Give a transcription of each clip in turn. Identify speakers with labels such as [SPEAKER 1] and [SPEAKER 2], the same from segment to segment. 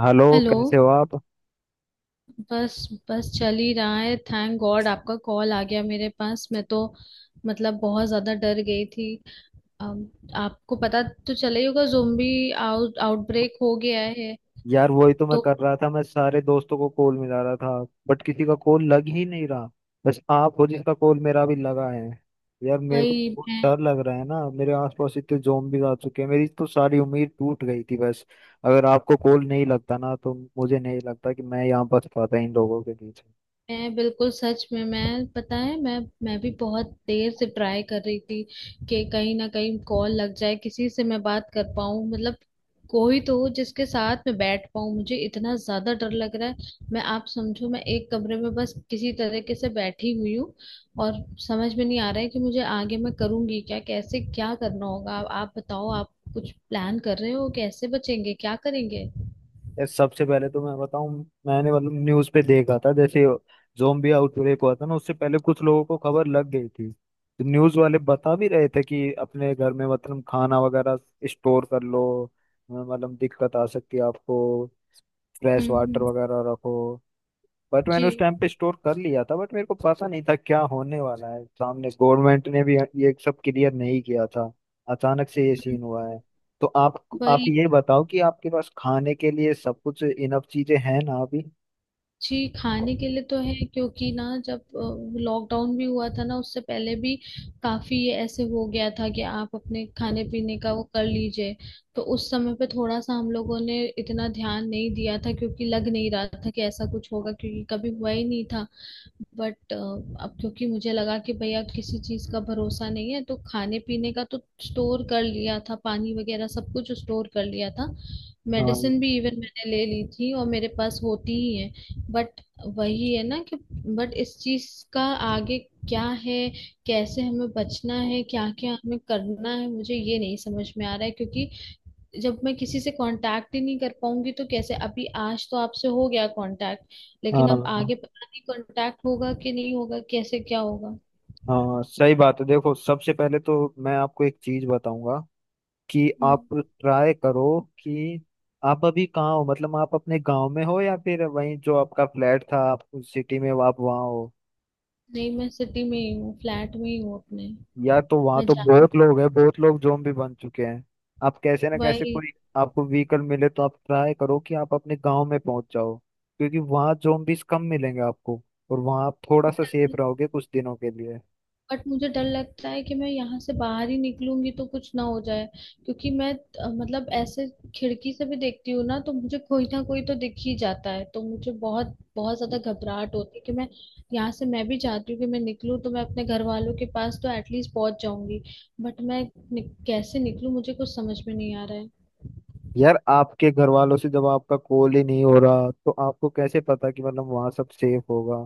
[SPEAKER 1] Hello,
[SPEAKER 2] hello.
[SPEAKER 1] कैसे हो आप।
[SPEAKER 2] बस बस चल ही रहा है। थैंक गॉड आपका कॉल आ गया मेरे पास। मैं तो मतलब बहुत ज्यादा डर गई थी। अम, आपको पता तो चला ही होगा ज़ोंबी आउटब्रेक हो गया है।
[SPEAKER 1] यार वही तो मैं
[SPEAKER 2] तो
[SPEAKER 1] कर रहा था, मैं सारे दोस्तों को कॉल मिला रहा था बट किसी का कॉल लग ही नहीं रहा। बस आप हो जिसका कॉल मेरा अभी लगा है। यार मेरे को तो
[SPEAKER 2] भाई
[SPEAKER 1] बहुत
[SPEAKER 2] मैं
[SPEAKER 1] डर लग रहा है ना, मेरे आसपास इतने zombies आ चुके हैं, मेरी तो सारी उम्मीद टूट गई थी। बस, अगर आपको कॉल नहीं लगता ना तो मुझे नहीं लगता कि मैं यहाँ बच पाता इन लोगों के बीच।
[SPEAKER 2] मैं बिल्कुल सच में, मैं पता है, मैं भी बहुत देर से ट्राई कर रही थी कि कहीं ना कहीं कॉल लग जाए, किसी से मैं बात कर पाऊं। मतलब कोई तो हो जिसके साथ मैं बैठ पाऊं, मुझे इतना ज्यादा डर लग रहा है। मैं, आप समझो, मैं एक कमरे में बस किसी तरीके से बैठी हुई हूँ। और समझ में नहीं आ रहा है कि मुझे आगे मैं करूंगी क्या, कैसे क्या करना होगा। आप बताओ, आप कुछ प्लान कर रहे हो, कैसे बचेंगे, क्या करेंगे?
[SPEAKER 1] यार सबसे पहले तो मैं बताऊं, मैंने मतलब न्यूज पे देखा था, जैसे जोम्बी आउटब्रेक हुआ था ना, उससे पहले कुछ लोगों को खबर लग गई थी तो न्यूज वाले बता भी रहे थे कि अपने घर में मतलब खाना वगैरह स्टोर कर लो, मतलब दिक्कत आ सकती है आपको, फ्रेश
[SPEAKER 2] हम्म।
[SPEAKER 1] Water
[SPEAKER 2] hmm.
[SPEAKER 1] वगैरह रखो। बट
[SPEAKER 2] जी।
[SPEAKER 1] मैंने उस टाइम पे स्टोर कर लिया था, बट मेरे को पता नहीं था क्या होने वाला है सामने, गवर्नमेंट ने भी ये सब क्लियर नहीं किया था, अचानक से ये सीन हुआ है। तो आप
[SPEAKER 2] वही।
[SPEAKER 1] ये बताओ कि आपके पास खाने के लिए सब कुछ इनफ चीजें हैं ना अभी।
[SPEAKER 2] जी, खाने के लिए तो है क्योंकि ना जब लॉकडाउन भी हुआ था ना उससे पहले भी काफी ये ऐसे हो गया था कि आप अपने खाने पीने का वो कर लीजिए। तो उस समय पे थोड़ा सा हम लोगों ने इतना ध्यान नहीं दिया था क्योंकि लग नहीं रहा था कि ऐसा कुछ होगा, क्योंकि कभी हुआ ही नहीं था। बट अब क्योंकि मुझे लगा कि भैया किसी चीज का भरोसा नहीं है, तो खाने पीने का तो स्टोर कर लिया था, पानी वगैरह सब कुछ स्टोर कर लिया था। मेडिसिन
[SPEAKER 1] हाँ,
[SPEAKER 2] भी इवन मैंने ले ली थी, और मेरे पास होती ही है। बट वही है ना कि, बट इस चीज का आगे क्या है, कैसे हमें बचना है, क्या क्या हमें करना है, मुझे ये नहीं समझ में आ रहा है। क्योंकि जब मैं किसी से कांटेक्ट ही नहीं कर पाऊंगी तो कैसे? अभी आज तो आपसे हो गया कांटेक्ट, लेकिन अब
[SPEAKER 1] हाँ,
[SPEAKER 2] आगे पता नहीं कांटेक्ट होगा कि नहीं होगा, कैसे क्या होगा।
[SPEAKER 1] हाँ, सही बात है। देखो, सबसे पहले तो मैं आपको एक चीज बताऊंगा कि
[SPEAKER 2] हम्म।
[SPEAKER 1] आप ट्राई करो कि आप अभी कहाँ हो, मतलब आप अपने गांव में हो या फिर वहीं जो आपका फ्लैट था, आप उस सिटी में आप वहाँ हो।
[SPEAKER 2] नहीं, मैं सिटी में ही हूँ, फ्लैट में ही हूँ अपने।
[SPEAKER 1] यार, तो वहां
[SPEAKER 2] मैं
[SPEAKER 1] तो
[SPEAKER 2] जा
[SPEAKER 1] बहुत लोग हैं, बहुत लोग ज़ॉम्बी बन चुके हैं। आप कैसे ना कैसे
[SPEAKER 2] वही।
[SPEAKER 1] कोई आपको व्हीकल मिले तो आप ट्राई करो कि आप अपने गांव में पहुंच जाओ, क्योंकि वहां ज़ॉम्बीज कम मिलेंगे आपको और वहां आप थोड़ा सा सेफ रहोगे कुछ दिनों के लिए।
[SPEAKER 2] बट मुझे डर लगता है कि मैं यहाँ से बाहर ही निकलूंगी तो कुछ ना हो जाए, क्योंकि मैं मतलब ऐसे खिड़की से भी देखती हूँ ना तो मुझे कोई ना कोई तो दिख ही जाता है, तो मुझे बहुत बहुत ज्यादा घबराहट होती है। कि मैं यहाँ से, मैं भी चाहती हूँ कि मैं निकलूँ, तो मैं अपने घर वालों के पास तो एटलीस्ट पहुंच जाऊंगी। बट मैं कैसे निकलूँ, मुझे कुछ समझ में नहीं आ रहा है।
[SPEAKER 1] यार, आपके घर वालों से जब आपका कॉल ही नहीं हो रहा तो आपको कैसे पता कि मतलब वहां सब सेफ होगा।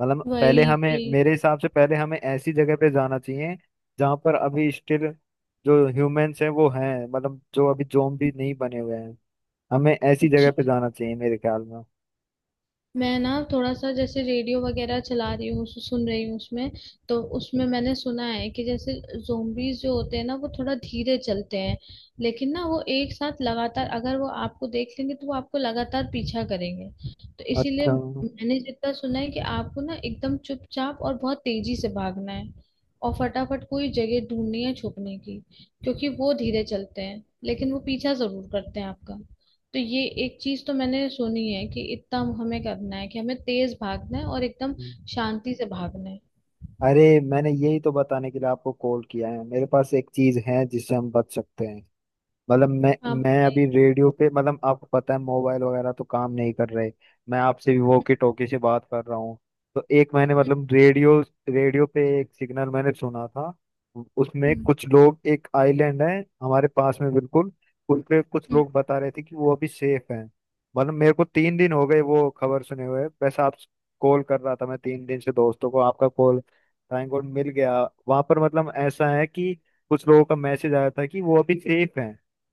[SPEAKER 1] मतलब पहले
[SPEAKER 2] वही,
[SPEAKER 1] हमें,
[SPEAKER 2] वही।
[SPEAKER 1] मेरे हिसाब से पहले हमें ऐसी जगह पे जाना चाहिए जहां पर अभी स्टिल जो ह्यूमंस हैं वो हैं, मतलब जो अभी ज़ॉम्बी नहीं बने हुए हैं, हमें ऐसी जगह
[SPEAKER 2] जी,
[SPEAKER 1] पे जाना चाहिए मेरे ख्याल में।
[SPEAKER 2] मैं ना थोड़ा सा जैसे रेडियो वगैरह चला रही हूँ, सुन रही हूँ उसमें। तो उसमें मैंने सुना है कि जैसे जोम्बीज जो होते हैं ना वो थोड़ा धीरे चलते हैं, लेकिन ना वो एक साथ लगातार, अगर वो आपको देख लेंगे तो वो आपको लगातार पीछा करेंगे। तो इसीलिए
[SPEAKER 1] अच्छा,
[SPEAKER 2] मैंने जितना सुना है कि आपको ना एकदम चुपचाप और बहुत तेजी से भागना है, और फटाफट कोई जगह ढूंढनी है छुपने की, क्योंकि वो धीरे चलते हैं लेकिन वो पीछा जरूर करते हैं आपका। तो ये एक चीज तो मैंने सुनी है कि इतना हमें करना है कि हमें तेज भागना है और एकदम शांति से भागना है।
[SPEAKER 1] अरे, मैंने यही तो बताने के लिए आपको कॉल किया है, मेरे पास एक चीज है जिससे हम बच सकते हैं। मतलब, मैं
[SPEAKER 2] आप
[SPEAKER 1] मैं
[SPEAKER 2] बताइए।
[SPEAKER 1] अभी रेडियो पे, मतलब आपको पता है मोबाइल वगैरह तो काम नहीं कर रहे, मैं आपसे भी वॉकी टॉकी से बात कर रहा हूँ। तो एक मैंने
[SPEAKER 2] हम्म।
[SPEAKER 1] मतलब रेडियो रेडियो पे एक सिग्नल मैंने सुना था। उसमें
[SPEAKER 2] हम्म।
[SPEAKER 1] कुछ लोग, एक आइलैंड है हमारे पास में बिल्कुल, उस पे कुछ
[SPEAKER 2] हम्म।
[SPEAKER 1] लोग बता रहे थे कि वो अभी सेफ हैं। मतलब मेरे को 3 दिन हो गए वो खबर सुने हुए, वैसे आप कॉल कर रहा था मैं 3 दिन से दोस्तों को, आपका कॉल थैंक गॉड मिल गया। वहां पर मतलब ऐसा है कि कुछ लोगों का मैसेज आया था कि वो अभी सेफ है।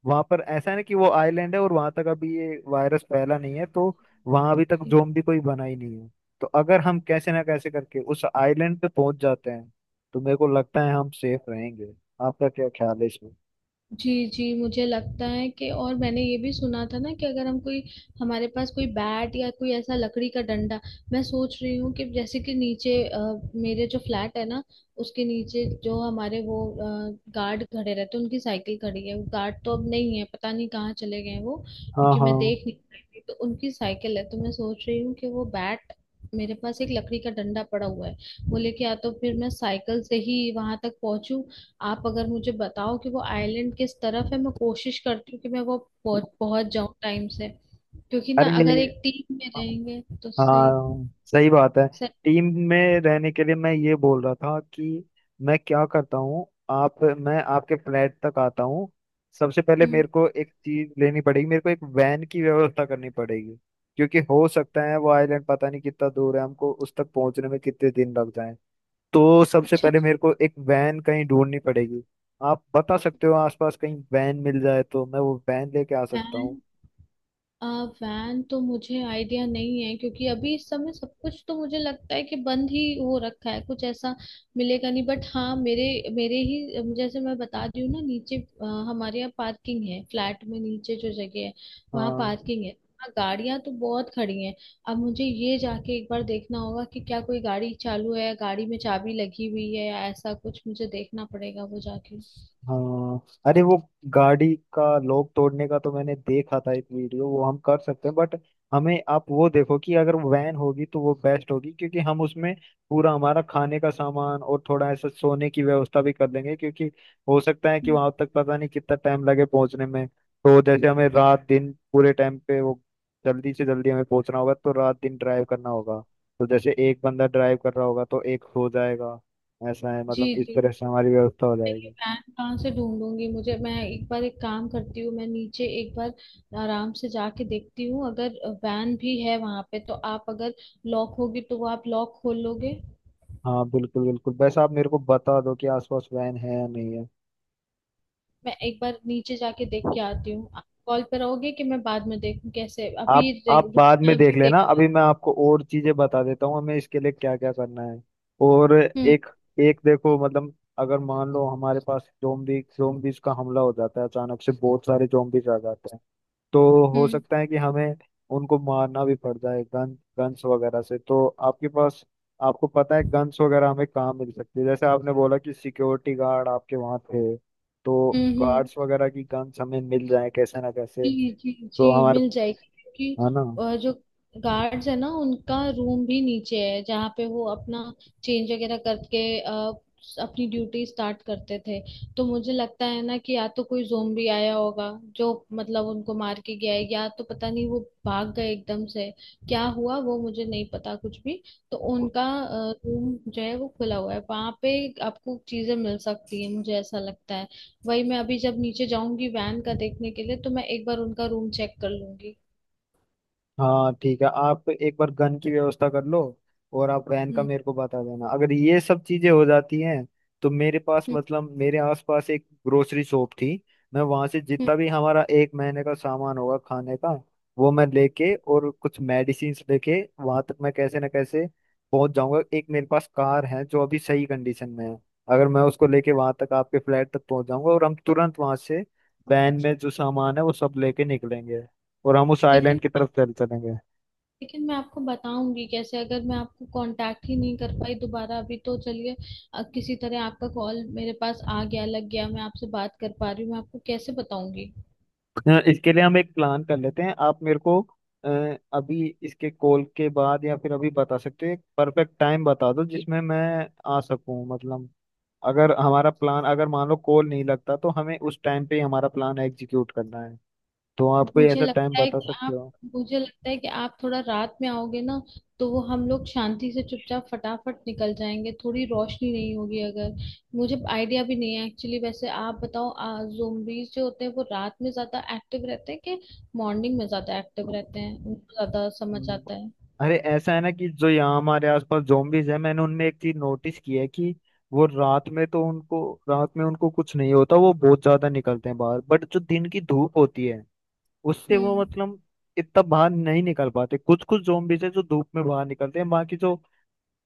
[SPEAKER 1] वहां पर ऐसा है ना कि वो आइलैंड है और वहां तक अभी ये वायरस फैला नहीं है, तो वहां अभी तक
[SPEAKER 2] जी।
[SPEAKER 1] जोम्बी कोई बना ही नहीं है। तो अगर हम कैसे ना कैसे करके उस आइलैंड पे पहुंच जाते हैं तो मेरे को लगता है हम सेफ रहेंगे। आपका क्या ख्याल है इसमें?
[SPEAKER 2] जी, जी, मुझे लगता है कि, और मैंने ये भी सुना था ना कि अगर हम कोई, हमारे पास कोई बैट या कोई ऐसा लकड़ी का डंडा, मैं सोच रही हूँ कि जैसे कि नीचे मेरे जो फ्लैट है ना उसके नीचे जो हमारे वो गार्ड खड़े रहते हैं उनकी साइकिल खड़ी है। वो गार्ड तो अब नहीं है, पता नहीं कहाँ चले गए हैं वो,
[SPEAKER 1] हाँ,
[SPEAKER 2] क्योंकि मैं देख
[SPEAKER 1] हाँ,
[SPEAKER 2] नहीं पाई थी। तो उनकी साइकिल है, तो मैं सोच रही हूँ कि वो बैट, मेरे पास एक लकड़ी का डंडा पड़ा हुआ है, वो लेके या तो फिर मैं साइकिल से ही वहां तक पहुंचूं। आप अगर मुझे बताओ कि वो आइलैंड किस तरफ है, मैं कोशिश करती हूँ कि मैं वो पहुंच पहुंच जाऊं टाइम से, क्योंकि ना
[SPEAKER 1] अरे
[SPEAKER 2] अगर एक टीम में रहेंगे तो सही।
[SPEAKER 1] हाँ, सही बात है।
[SPEAKER 2] सही।
[SPEAKER 1] टीम में रहने के लिए मैं ये बोल रहा था कि मैं क्या करता हूँ, आप मैं आपके फ्लैट तक आता हूँ। सबसे पहले
[SPEAKER 2] हम्म।
[SPEAKER 1] मेरे को एक चीज लेनी पड़ेगी, मेरे को एक वैन की व्यवस्था करनी पड़ेगी क्योंकि हो सकता है वो आइलैंड पता नहीं कितना दूर है, हमको उस तक पहुंचने में कितने दिन लग जाए। तो सबसे
[SPEAKER 2] अच्छा।
[SPEAKER 1] पहले मेरे को एक वैन कहीं ढूंढनी पड़ेगी। आप बता सकते हो आसपास कहीं वैन मिल जाए तो मैं वो वैन लेके आ सकता
[SPEAKER 2] प्लान।
[SPEAKER 1] हूँ।
[SPEAKER 2] वैन तो मुझे आइडिया नहीं है, क्योंकि अभी इस समय सब कुछ तो मुझे लगता है कि बंद ही हो रखा है, कुछ ऐसा मिलेगा नहीं। बट हाँ, मेरे, मेरे ही जैसे मैं बता रही हूँ ना नीचे अ, हमारे यहाँ पार्किंग है, फ्लैट में नीचे जो जगह है वहाँ
[SPEAKER 1] हाँ,
[SPEAKER 2] पार्किंग है। हाँ, गाड़ियां तो बहुत खड़ी हैं। अब मुझे ये जाके एक बार देखना होगा कि क्या कोई गाड़ी चालू है, गाड़ी में चाबी लगी हुई है या ऐसा कुछ, मुझे देखना पड़ेगा वो जाके।
[SPEAKER 1] हाँ, अरे वो गाड़ी का लॉक तोड़ने का तो मैंने देखा था एक वीडियो, वो हम कर सकते हैं, बट हमें आप वो देखो कि अगर वैन होगी तो वो बेस्ट होगी क्योंकि हम उसमें पूरा हमारा खाने का सामान और थोड़ा ऐसा सोने की व्यवस्था भी कर लेंगे क्योंकि हो सकता है कि
[SPEAKER 2] हम्म।
[SPEAKER 1] वहां तक पता नहीं कितना टाइम लगे पहुंचने में, तो जैसे हमें रात दिन पूरे टाइम पे वो जल्दी से जल्दी हमें पहुंचना होगा तो रात दिन ड्राइव करना होगा। तो जैसे एक बंदा ड्राइव कर रहा होगा तो एक हो जाएगा, ऐसा है, मतलब
[SPEAKER 2] जी,
[SPEAKER 1] इस
[SPEAKER 2] जी,
[SPEAKER 1] तरह से हमारी व्यवस्था हो
[SPEAKER 2] नहीं, मैं ये
[SPEAKER 1] जाएगी।
[SPEAKER 2] पैन कहाँ से ढूंढूंगी मुझे, मैं एक बार एक काम करती हूँ, मैं नीचे एक बार आराम से जाके देखती हूँ। अगर वैन भी है वहां पे तो आप, अगर लॉक होगी तो वो आप लॉक खोल लोगे।
[SPEAKER 1] हाँ, बिल्कुल बिल्कुल, बस आप मेरे को बता दो कि आसपास वैन है या नहीं है।
[SPEAKER 2] मैं एक बार नीचे जाके देख के आती हूँ, आप कॉल पे रहोगे? कि मैं बाद में देखूँ, कैसे
[SPEAKER 1] आप
[SPEAKER 2] अभी
[SPEAKER 1] आप
[SPEAKER 2] रे-
[SPEAKER 1] बाद
[SPEAKER 2] रुक
[SPEAKER 1] में देख
[SPEAKER 2] अभी
[SPEAKER 1] लेना,
[SPEAKER 2] देख।
[SPEAKER 1] अभी मैं आपको और चीजें बता देता हूँ हमें इसके लिए क्या क्या करना है। और
[SPEAKER 2] हम्म।
[SPEAKER 1] एक एक देखो, मतलब अगर मान लो हमारे पास जोम्बीज का हमला हो जाता है अचानक से, बहुत सारे जोम्बीज आ जाते हैं, तो हो
[SPEAKER 2] हम्म।
[SPEAKER 1] सकता है कि हमें उनको मारना भी पड़ जाए गन गन्स वगैरह से। तो आपके पास आपको पता है गन्स वगैरह हमें कहाँ मिल सकती है, जैसे आपने बोला कि सिक्योरिटी गार्ड आपके वहाँ थे, तो
[SPEAKER 2] हम्म। हम्म।
[SPEAKER 1] गार्ड्स वगैरह की गन्स हमें मिल जाए कैसे ना कैसे।
[SPEAKER 2] जी, जी,
[SPEAKER 1] तो
[SPEAKER 2] जी,
[SPEAKER 1] हमारे
[SPEAKER 2] मिल जाएगी क्योंकि
[SPEAKER 1] है ना।
[SPEAKER 2] जो गार्ड्स है ना उनका रूम भी नीचे है जहाँ पे वो अपना चेंज वगैरह करके अपनी ड्यूटी स्टार्ट करते थे। तो मुझे लगता है ना कि या तो कोई जोम्बी आया होगा जो मतलब उनको मार के गया है, या तो पता नहीं वो भाग गए एकदम से, क्या हुआ वो मुझे नहीं पता कुछ भी। तो उनका रूम जो है वो खुला हुआ है वहां पे, आपको चीजें मिल सकती है मुझे ऐसा लगता है। वही मैं अभी जब नीचे जाऊंगी वैन का देखने के लिए, तो मैं एक बार उनका रूम चेक कर लूंगी।
[SPEAKER 1] हाँ ठीक है, आप एक बार गन की व्यवस्था कर लो और आप वैन का
[SPEAKER 2] हम्म।
[SPEAKER 1] मेरे को बता देना अगर ये सब चीजें हो जाती हैं। तो मेरे पास,
[SPEAKER 2] हम्म।
[SPEAKER 1] मतलब मेरे आसपास एक ग्रोसरी शॉप थी, मैं वहां से
[SPEAKER 2] हम्म।
[SPEAKER 1] जितना भी हमारा एक महीने का सामान होगा खाने का, वो मैं लेके और कुछ मेडिसिन लेके वहां तक मैं कैसे ना कैसे पहुंच जाऊंगा। एक मेरे पास कार है जो अभी सही कंडीशन में है, अगर मैं उसको लेके वहां तक आपके फ्लैट तक पहुंच जाऊंगा और हम तुरंत वहां से वैन में जो सामान है वो सब लेके निकलेंगे और हम उस आइलैंड
[SPEAKER 2] लेकिन
[SPEAKER 1] की तरफ चल चलेंगे।
[SPEAKER 2] लेकिन मैं आपको बताऊंगी कैसे, अगर मैं आपको कांटेक्ट ही नहीं कर पाई दोबारा? अभी तो चलिए किसी तरह आपका कॉल मेरे पास आ गया, लग गया, मैं आपसे बात कर पा रही हूँ, मैं आपको कैसे बताऊंगी?
[SPEAKER 1] इसके लिए हम एक प्लान कर लेते हैं, आप मेरे को, अभी इसके कॉल के बाद या फिर अभी बता सकते हो, एक परफेक्ट टाइम बता दो जिसमें मैं आ सकूं, मतलब अगर हमारा प्लान, अगर मान लो कॉल नहीं लगता, तो हमें उस टाइम पे ही हमारा प्लान एग्जीक्यूट करना है, तो आप कोई
[SPEAKER 2] मुझे
[SPEAKER 1] ऐसा टाइम
[SPEAKER 2] लगता है
[SPEAKER 1] बता
[SPEAKER 2] कि
[SPEAKER 1] सकते
[SPEAKER 2] आप
[SPEAKER 1] हो?
[SPEAKER 2] मुझे लगता है कि आप थोड़ा रात में आओगे ना, तो वो हम लोग शांति से चुपचाप फटाफट निकल जाएंगे, थोड़ी रोशनी नहीं होगी अगर। मुझे आइडिया भी नहीं है एक्चुअली। वैसे आप बताओ, zombies जो होते हैं वो रात में ज्यादा एक्टिव रहते हैं, कि मॉर्निंग में ज्यादा एक्टिव रहते हैं, उनको ज्यादा समझ आता
[SPEAKER 1] हम्म।
[SPEAKER 2] है?
[SPEAKER 1] अरे, ऐसा है ना कि जो यहाँ हमारे आसपास zombies है, मैंने उनमें एक चीज नोटिस की है कि वो रात में तो उनको रात में उनको कुछ नहीं होता, वो बहुत ज्यादा निकलते हैं बाहर, बट जो दिन की धूप होती है उससे वो
[SPEAKER 2] हम्म।
[SPEAKER 1] मतलब इतना बाहर नहीं निकल पाते। कुछ कुछ zombies है जो धूप में बाहर निकलते हैं, बाकी जो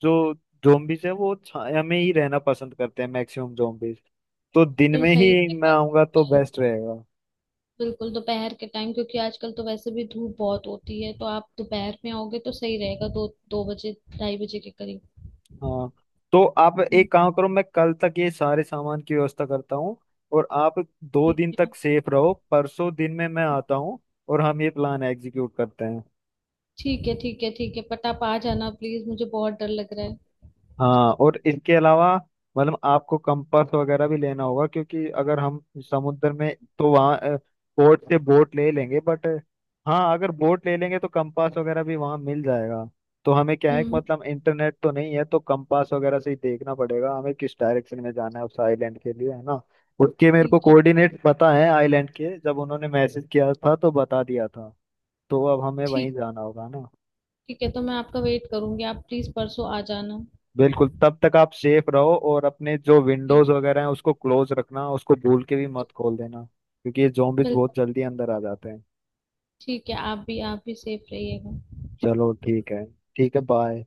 [SPEAKER 1] जो zombies है वो छाया में ही रहना पसंद करते हैं, मैक्सिमम zombies तो दिन
[SPEAKER 2] फिर
[SPEAKER 1] में
[SPEAKER 2] सही
[SPEAKER 1] ही मैं
[SPEAKER 2] रहेगा
[SPEAKER 1] आऊंगा तो
[SPEAKER 2] दोपहर।
[SPEAKER 1] बेस्ट रहेगा।
[SPEAKER 2] बिल्कुल दोपहर के टाइम, क्योंकि आजकल तो वैसे भी धूप बहुत होती है, तो आप दोपहर में आओगे तो सही रहेगा, 2-2 बजे 2:30 बजे के करीब।
[SPEAKER 1] हाँ, तो आप
[SPEAKER 2] हम्म।
[SPEAKER 1] एक काम करो, मैं कल तक ये सारे सामान की व्यवस्था करता हूँ और आप दो
[SPEAKER 2] ठीक
[SPEAKER 1] दिन
[SPEAKER 2] है,
[SPEAKER 1] तक सेफ रहो, परसों दिन में मैं आता हूँ और हम ये प्लान एग्जीक्यूट करते हैं।
[SPEAKER 2] ठीक है, ठीक है। ठीक है, बट आप आ जाना प्लीज, मुझे बहुत डर लग रहा है।
[SPEAKER 1] हाँ, और इसके अलावा मतलब आपको कंपास वगैरह भी लेना होगा क्योंकि अगर हम समुद्र में, तो वहाँ बोट से बोट ले लेंगे बट, हाँ, अगर बोट ले लेंगे तो कंपास वगैरह भी वहाँ मिल जाएगा। तो हमें क्या है कि
[SPEAKER 2] हम्म।
[SPEAKER 1] मतलब इंटरनेट तो नहीं है तो कंपास वगैरह से ही देखना पड़ेगा हमें किस डायरेक्शन में जाना है उस आइलैंड के लिए, है ना। उसके मेरे को
[SPEAKER 2] ठीक है।
[SPEAKER 1] कोऑर्डिनेट पता है आइलैंड के, जब उन्होंने मैसेज किया था तो बता दिया था, तो अब हमें वहीं
[SPEAKER 2] ठीक,
[SPEAKER 1] जाना होगा।
[SPEAKER 2] ठीक है, तो मैं आपका वेट करूंगी, आप प्लीज परसों आ जाना।
[SPEAKER 1] बिल्कुल, तब तक आप सेफ रहो और अपने जो
[SPEAKER 2] ठीक।
[SPEAKER 1] विंडोज वगैरह हैं उसको क्लोज रखना, उसको भूल के भी मत खोल देना क्योंकि ये zombies बहुत
[SPEAKER 2] बिल्कुल।
[SPEAKER 1] जल्दी अंदर आ जाते हैं।
[SPEAKER 2] ठीक है, आप भी, आप भी सेफ रहिएगा।
[SPEAKER 1] चलो ठीक है, ठीक है बाय।